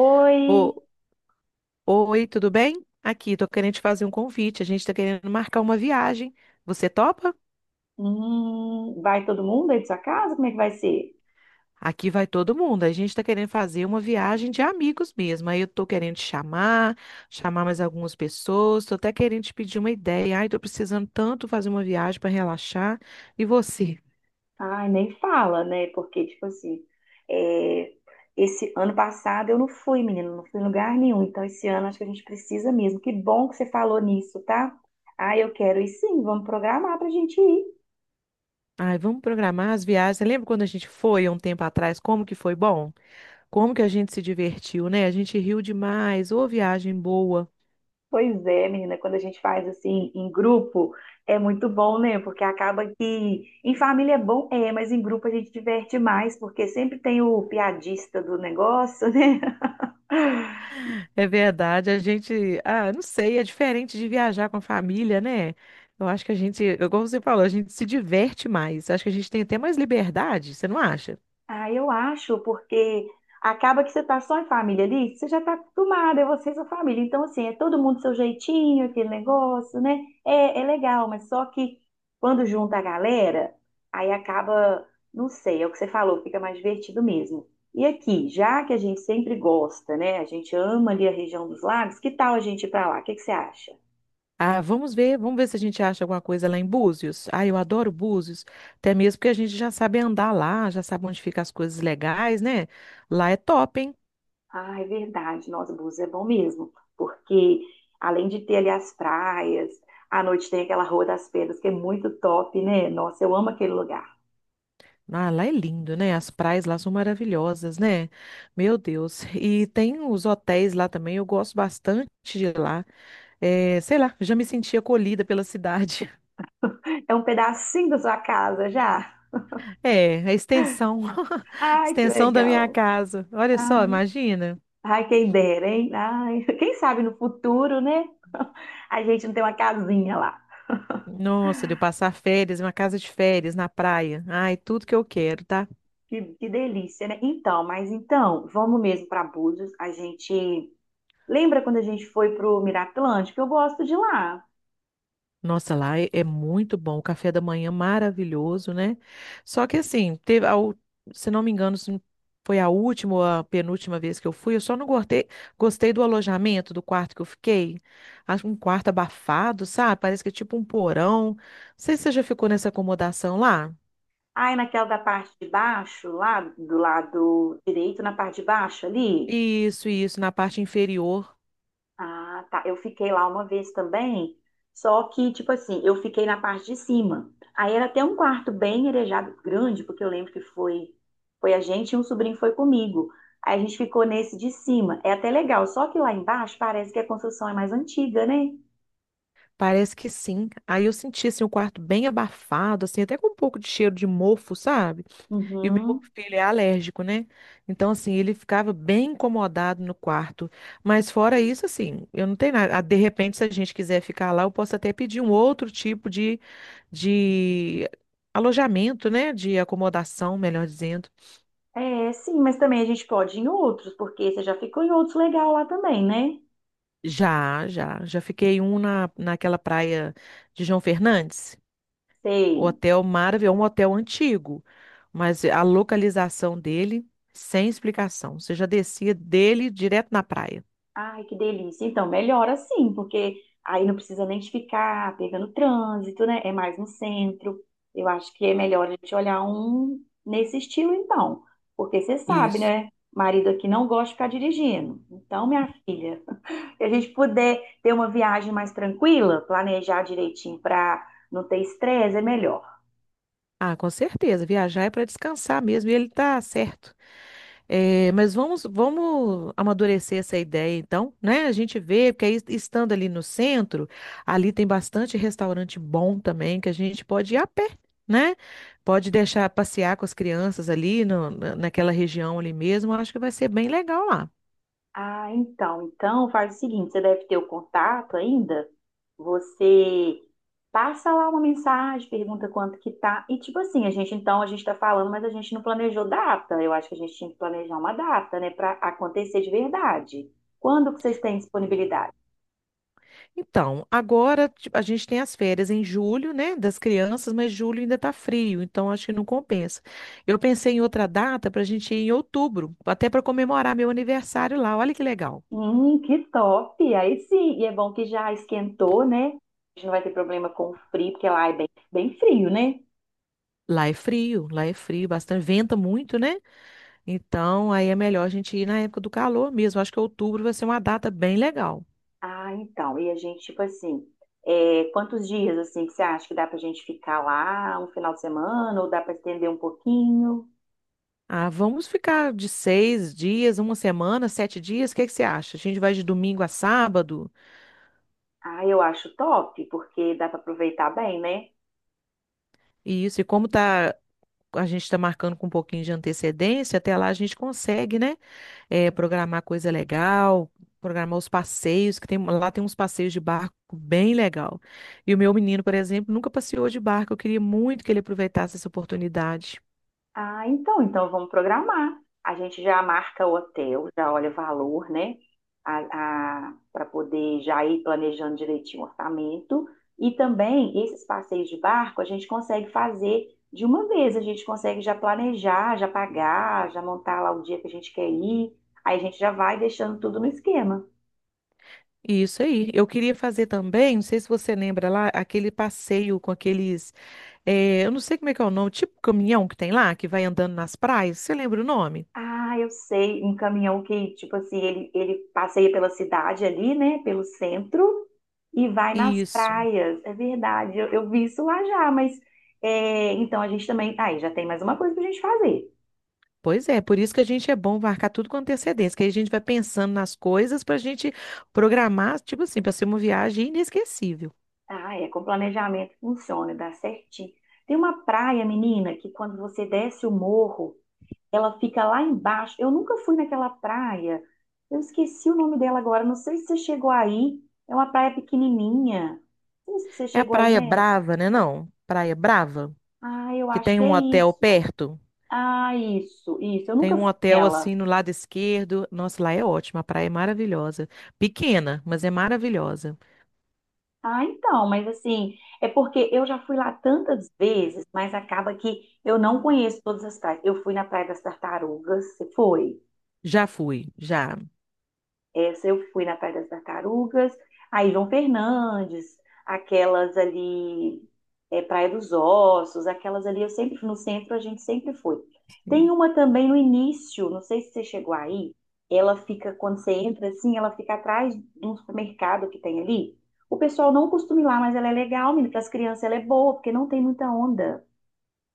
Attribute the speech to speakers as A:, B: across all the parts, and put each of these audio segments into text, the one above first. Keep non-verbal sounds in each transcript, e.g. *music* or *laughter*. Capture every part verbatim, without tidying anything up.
A: Oi,
B: Ô, oi, tudo bem? Aqui, tô querendo te fazer um convite. A gente tá querendo marcar uma viagem. Você topa?
A: hum, vai todo mundo aí da sua casa? Como é que vai ser?
B: Aqui vai todo mundo. A gente tá querendo fazer uma viagem de amigos mesmo. Aí eu tô querendo te chamar, chamar mais algumas pessoas. Tô até querendo te pedir uma ideia. Ai, tô precisando tanto fazer uma viagem para relaxar. E você?
A: Ai, nem fala, né? Porque, tipo assim, é, esse ano passado eu não fui, menino, não fui em lugar nenhum. Então, esse ano acho que a gente precisa mesmo. Que bom que você falou nisso, tá? Ah, eu quero ir sim, vamos programar pra gente ir.
B: Ai, vamos programar as viagens. Você lembra quando a gente foi há um tempo atrás? Como que foi bom? Como que a gente se divertiu, né? A gente riu demais. Ô, viagem boa.
A: Pois é, menina, quando a gente faz assim em grupo, é muito bom, né? Porque acaba que em família é bom, é, mas em grupo a gente diverte mais, porque sempre tem o piadista do negócio, *laughs* né?
B: É verdade, a gente, ah, não sei, é diferente de viajar com a família, né? Eu acho que a gente, eu- como você falou, a gente se diverte mais. Acho que a gente tem até mais liberdade, você não acha?
A: Ah, eu acho, porque acaba que você tá só em família ali, você já tá acostumada, é você e sua família. Então, assim, é todo mundo seu jeitinho, aquele negócio, né? É, é legal, mas só que quando junta a galera, aí acaba, não sei, é o que você falou, fica mais divertido mesmo. E aqui, já que a gente sempre gosta, né? A gente ama ali a região dos lagos, que tal a gente ir pra lá? O que que você acha?
B: Ah, vamos ver, vamos ver se a gente acha alguma coisa lá em Búzios. Ah, eu adoro Búzios, até mesmo porque a gente já sabe andar lá, já sabe onde ficam as coisas legais, né? Lá é top, hein?
A: Ah, é verdade. Nossa, Búzios é bom mesmo, porque além de ter ali as praias, à noite tem aquela Rua das Pedras, que é muito top, né? Nossa, eu amo aquele lugar.
B: Ah, lá é lindo, né? As praias lá são maravilhosas, né? Meu Deus. E tem os hotéis lá também, eu gosto bastante de lá. É, sei lá, já me senti acolhida pela cidade. *laughs*
A: É um pedacinho da sua casa já.
B: É, a extensão, *laughs*
A: Ai, que
B: extensão da minha
A: legal.
B: casa. Olha só,
A: Ai,
B: imagina.
A: ai, quem dera, hein? Ai, quem sabe no futuro, né? *laughs* A gente não tem uma casinha lá.
B: Nossa, de eu passar férias, em uma casa de férias na praia. Ai, tudo que eu quero, tá?
A: Que, que delícia, né? Então, mas então, vamos mesmo para Búzios. A gente. Lembra quando a gente foi pro Miraplântico? Eu gosto de lá.
B: Nossa, lá é, é muito bom, o café da manhã maravilhoso, né? Só que assim, teve, a se não me engano, se foi a última ou a penúltima vez que eu fui, eu só não gostei, gostei do alojamento, do quarto que eu fiquei. Acho um quarto abafado, sabe? Parece que é tipo um porão. Não sei se você já ficou nessa acomodação lá.
A: Aí naquela da parte de baixo, lá do lado direito, na parte de baixo ali.
B: Isso, isso, na parte inferior.
A: Ah, tá. Eu fiquei lá uma vez também, só que, tipo assim, eu fiquei na parte de cima. Aí era até um quarto bem arejado, grande, porque eu lembro que foi, foi a gente e um sobrinho foi comigo. Aí a gente ficou nesse de cima. É até legal, só que lá embaixo parece que a construção é mais antiga, né?
B: Parece que sim. Aí eu senti assim, o quarto bem abafado, assim, até com um pouco de cheiro de mofo, sabe? E o meu
A: Uhum.
B: filho é alérgico, né? Então, assim, ele ficava bem incomodado no quarto. Mas fora isso, assim, eu não tenho nada. Ah, de repente, se a gente quiser ficar lá, eu posso até pedir um outro tipo de, de alojamento, né? De acomodação, melhor dizendo.
A: É, sim, mas também a gente pode ir em outros, porque você já ficou em outros legal lá também, né?
B: Já, já. Já fiquei um na, naquela praia de João Fernandes. O
A: Sei.
B: hotel maravilhoso, um hotel antigo. Mas a localização dele, sem explicação. Você já descia dele direto na praia.
A: Ai, que delícia. Então, melhor assim, porque aí não precisa nem ficar pegando trânsito, né? É mais no centro. Eu acho que é melhor a gente olhar um nesse estilo, então. Porque você sabe,
B: Isso.
A: né? Marido aqui não gosta de ficar dirigindo. Então, minha filha, *laughs* se a gente puder ter uma viagem mais tranquila, planejar direitinho para não ter estresse, é melhor.
B: Ah, com certeza. Viajar é para descansar mesmo, e ele tá certo. Eh, mas vamos, vamos amadurecer essa ideia, então, né? A gente vê, porque aí, estando ali no centro, ali tem bastante restaurante bom também, que a gente pode ir a pé, né? Pode deixar passear com as crianças ali no- na- naquela região ali mesmo. Eu acho que vai ser bem legal lá.
A: Ah, então, então faz o seguinte, você deve ter o contato ainda. Você passa lá uma mensagem, pergunta quanto que tá e tipo assim, a gente então a gente tá falando, mas a gente não planejou data. Eu acho que a gente tinha que planejar uma data, né, para acontecer de verdade. Quando que vocês têm disponibilidade?
B: Então, agora ti- a gente tem as férias em julho, né, das crianças, mas julho ainda tá frio, então acho que não compensa. Eu pensei em outra data para a gente ir em outubro, até para comemorar meu aniversário lá. Olha que legal.
A: Hum, que top! Aí sim, e é bom que já esquentou, né? A gente não vai ter problema com o frio, porque lá é bem, bem frio, né?
B: Lá é frio, lá é frio, bastante, venta muito, né? Então, aí é melhor a gente ir na época do calor mesmo. Acho que outubro vai ser uma data bem legal.
A: Ah, então, e a gente, tipo assim, é, quantos dias, assim, que você acha que dá pra gente ficar lá, um final de semana, ou dá pra estender um pouquinho?
B: Ah, vamos ficar de seis dias, uma semana, sete dias. O que que você acha? A gente vai de domingo a sábado?
A: Ah, eu acho top, porque dá pra aproveitar bem, né?
B: E isso, e como tá, a gente está marcando com um pouquinho de antecedência, até lá a gente consegue, né? eh, programar coisa legal, programar os passeios, que tem, lá tem uns passeios de barco bem legal. E o meu menino, por exemplo, nunca passeou de barco. Eu queria muito que ele aproveitasse essa oportunidade.
A: Ah, então, então vamos programar. A gente já marca o hotel, já olha o valor, né? A, a, para poder já ir planejando direitinho o orçamento. E também esses passeios de barco a gente consegue fazer de uma vez, a gente consegue já planejar, já pagar, já montar lá o dia que a gente quer ir. Aí a gente já vai deixando tudo no esquema.
B: Isso aí. Eu queria fazer também, não sei se você lembra lá, aquele passeio com aqueles, eh, eu não sei como é que é o nome, tipo caminhão que tem lá, que vai andando nas praias. Você lembra o nome?
A: Ah, eu sei, um caminhão que, tipo assim, ele, ele passeia pela cidade ali, né, pelo centro e vai nas
B: Isso.
A: praias. É verdade, eu, eu vi isso lá já, mas é, então a gente também. Aí já tem mais uma coisa pra gente fazer.
B: Pois é, por isso que a gente é bom marcar tudo com antecedência, que aí a gente vai pensando nas coisas para a gente programar, tipo assim, para ser uma viagem inesquecível.
A: Ah, é, com planejamento funciona, dá certinho. Tem uma praia, menina, que quando você desce o morro, ela fica lá embaixo. Eu nunca fui naquela praia, eu esqueci o nome dela agora, não sei se você chegou aí. É uma praia pequenininha. Não sei se você
B: É a
A: chegou aí,
B: Praia
A: né?
B: Brava, né? Não, Praia Brava,
A: Ah, eu
B: que
A: acho
B: tem
A: que é
B: um hotel
A: isso.
B: perto.
A: Ah, isso, isso. Eu
B: Tem
A: nunca
B: um
A: fui
B: hotel
A: nela.
B: assim no lado esquerdo. Nossa, lá é ótimo, a praia é maravilhosa. Pequena, mas é maravilhosa.
A: Ah, então, mas assim, é porque eu já fui lá tantas vezes, mas acaba que eu não conheço todas as praias. Eu fui na Praia das Tartarugas, você foi?
B: Já fui, já.
A: Essa eu fui na Praia das Tartarugas. Aí João Fernandes, aquelas ali, é, Praia dos Ossos, aquelas ali, eu sempre fui no centro a gente sempre foi. Tem
B: Sim.
A: uma também no início, não sei se você chegou aí, ela fica, quando você entra assim, ela fica atrás de um supermercado que tem ali. O pessoal não costuma ir lá, mas ela é legal, menina, para as crianças ela é boa, porque não tem muita onda.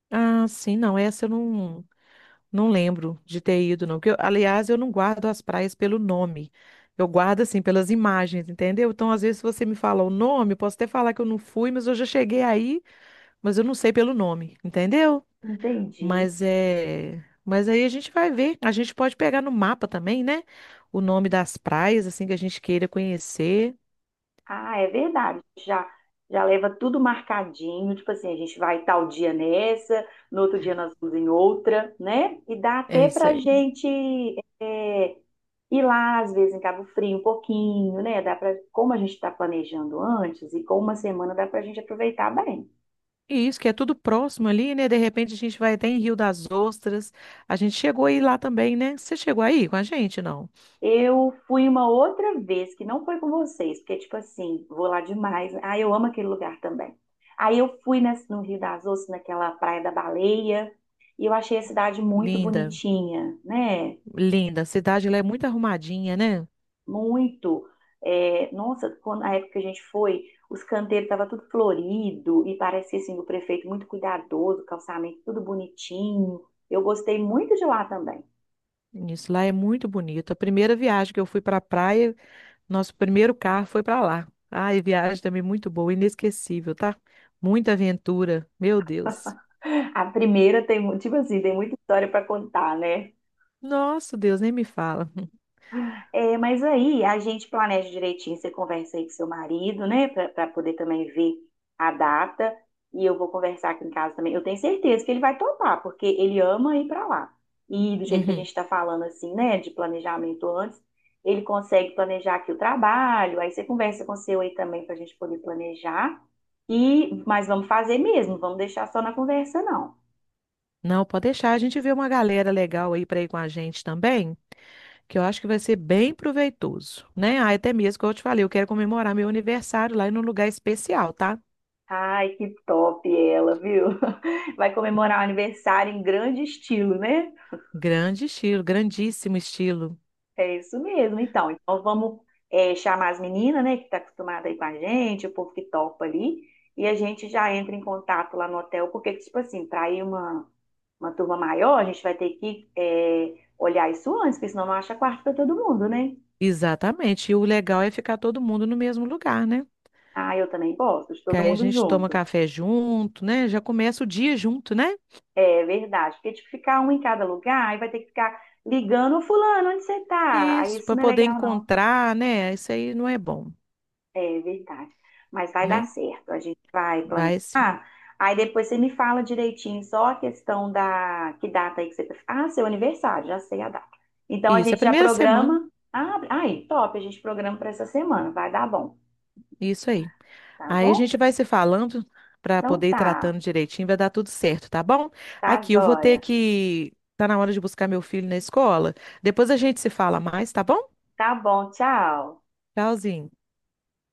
B: Ah, sim, não, essa eu não, não lembro de ter ido, não. Porque eu- aliás, eu não guardo as praias pelo nome. Eu guardo, assim, pelas imagens, entendeu? Então, às vezes, se você me fala o nome, eu posso até falar que eu não fui, mas eu já cheguei aí, mas eu não sei pelo nome, entendeu?
A: Entendi.
B: Mas é. Mas aí a gente vai ver. A gente pode pegar no mapa também, né? O nome das praias, assim, que a gente queira conhecer.
A: Ah, é verdade. Já, já leva tudo marcadinho. Tipo assim, a gente vai tal dia nessa, no outro dia nós vamos em outra, né? E dá
B: É
A: até
B: isso.
A: pra gente é, ir lá, às vezes, em Cabo Frio um pouquinho, né? Dá pra, como a gente está planejando antes e com uma semana, dá pra gente aproveitar bem.
B: E isso, que é tudo próximo ali, né? De repente a gente vai até em Rio das Ostras. A gente chegou aí lá também, né? Você chegou aí com a gente, não?
A: Eu fui uma outra vez, que não foi com vocês, porque, tipo assim, vou lá demais. Ah, eu amo aquele lugar também. Aí eu fui nesse- No Rio das Ostras, naquela Praia da Baleia, e eu achei a cidade muito
B: Linda,
A: bonitinha, né?
B: linda. A cidade lá é muito arrumadinha, né?
A: Muito. É, nossa, quando, na época que a gente foi, os canteiros estavam tudo florido, e parecia, assim, o prefeito muito cuidadoso, calçamento tudo bonitinho. Eu gostei muito de lá também.
B: Isso lá é muito bonito. A primeira viagem que eu fui para a praia, nosso primeiro carro foi para lá. Ai, viagem também muito boa, inesquecível, tá? Muita aventura, meu Deus.
A: A primeira tem, mu- Tipo assim, tem muita história para contar, né?
B: Nossa, Deus, nem me fala. *laughs*
A: É, mas aí a gente planeja direitinho, você conversa aí com seu marido, né, para poder também ver a data. E eu vou conversar aqui em casa também. Eu tenho certeza que ele vai topar, porque ele ama ir para lá. E do jeito que a gente
B: Uhum.
A: está falando assim, né, de planejamento antes, ele consegue planejar aqui o trabalho. Aí você conversa com o seu aí também para a gente poder planejar. E mas vamos fazer mesmo, vamos deixar só na conversa não.
B: Não, pode deixar. A gente vê uma galera legal aí para ir com a gente também. Que eu acho que vai ser bem proveitoso, né? Ah, até mesmo, como eu te falei, eu quero comemorar meu aniversário lá em um lugar especial, tá?
A: Ai, que top ela, viu? *laughs* Vai comemorar o aniversário em grande estilo, né?
B: Grande estilo, grandíssimo estilo.
A: É isso mesmo, então. Então vamos é, chamar as meninas, né, que tá acostumada aí com a gente, o povo que topa ali, e a gente já entra em contato lá no hotel, porque, tipo assim, para ir uma, uma turma maior, a gente vai ter que é, olhar isso antes, porque senão não acha quarto para todo mundo, né?
B: Exatamente. E o legal é ficar todo mundo no mesmo lugar, né?
A: Ah, eu também gosto de
B: Que
A: todo
B: aí a
A: mundo
B: gente toma
A: junto.
B: café junto, né? Já começa o dia junto, né?
A: É verdade, porque tipo, ficar um em cada lugar, aí vai ter que ficar ligando, fulano, onde você tá? Aí
B: Isso,
A: isso
B: para
A: não é
B: poder
A: legal, não.
B: encontrar, né? Isso aí não é bom,
A: É verdade. Mas vai dar
B: né?
A: certo. A gente vai planejar.
B: Vai sim.
A: Aí depois você me fala direitinho só a questão da que data aí que você. Ah, seu aniversário, já sei a data. Então a
B: Isso, é a
A: gente já
B: primeira semana.
A: programa. Ah, aí, top, a gente programa para essa semana. Vai dar bom,
B: Isso aí.
A: tá
B: Aí a
A: bom?
B: gente vai se falando para
A: Então
B: poder ir
A: tá,
B: tratando direitinho, vai dar tudo certo, tá bom?
A: tá
B: Aqui, eu vou ter
A: joia.
B: que. Tá na hora de buscar meu filho na escola. Depois a gente se fala mais, tá bom?
A: Tá bom, tchau.
B: Tchauzinho.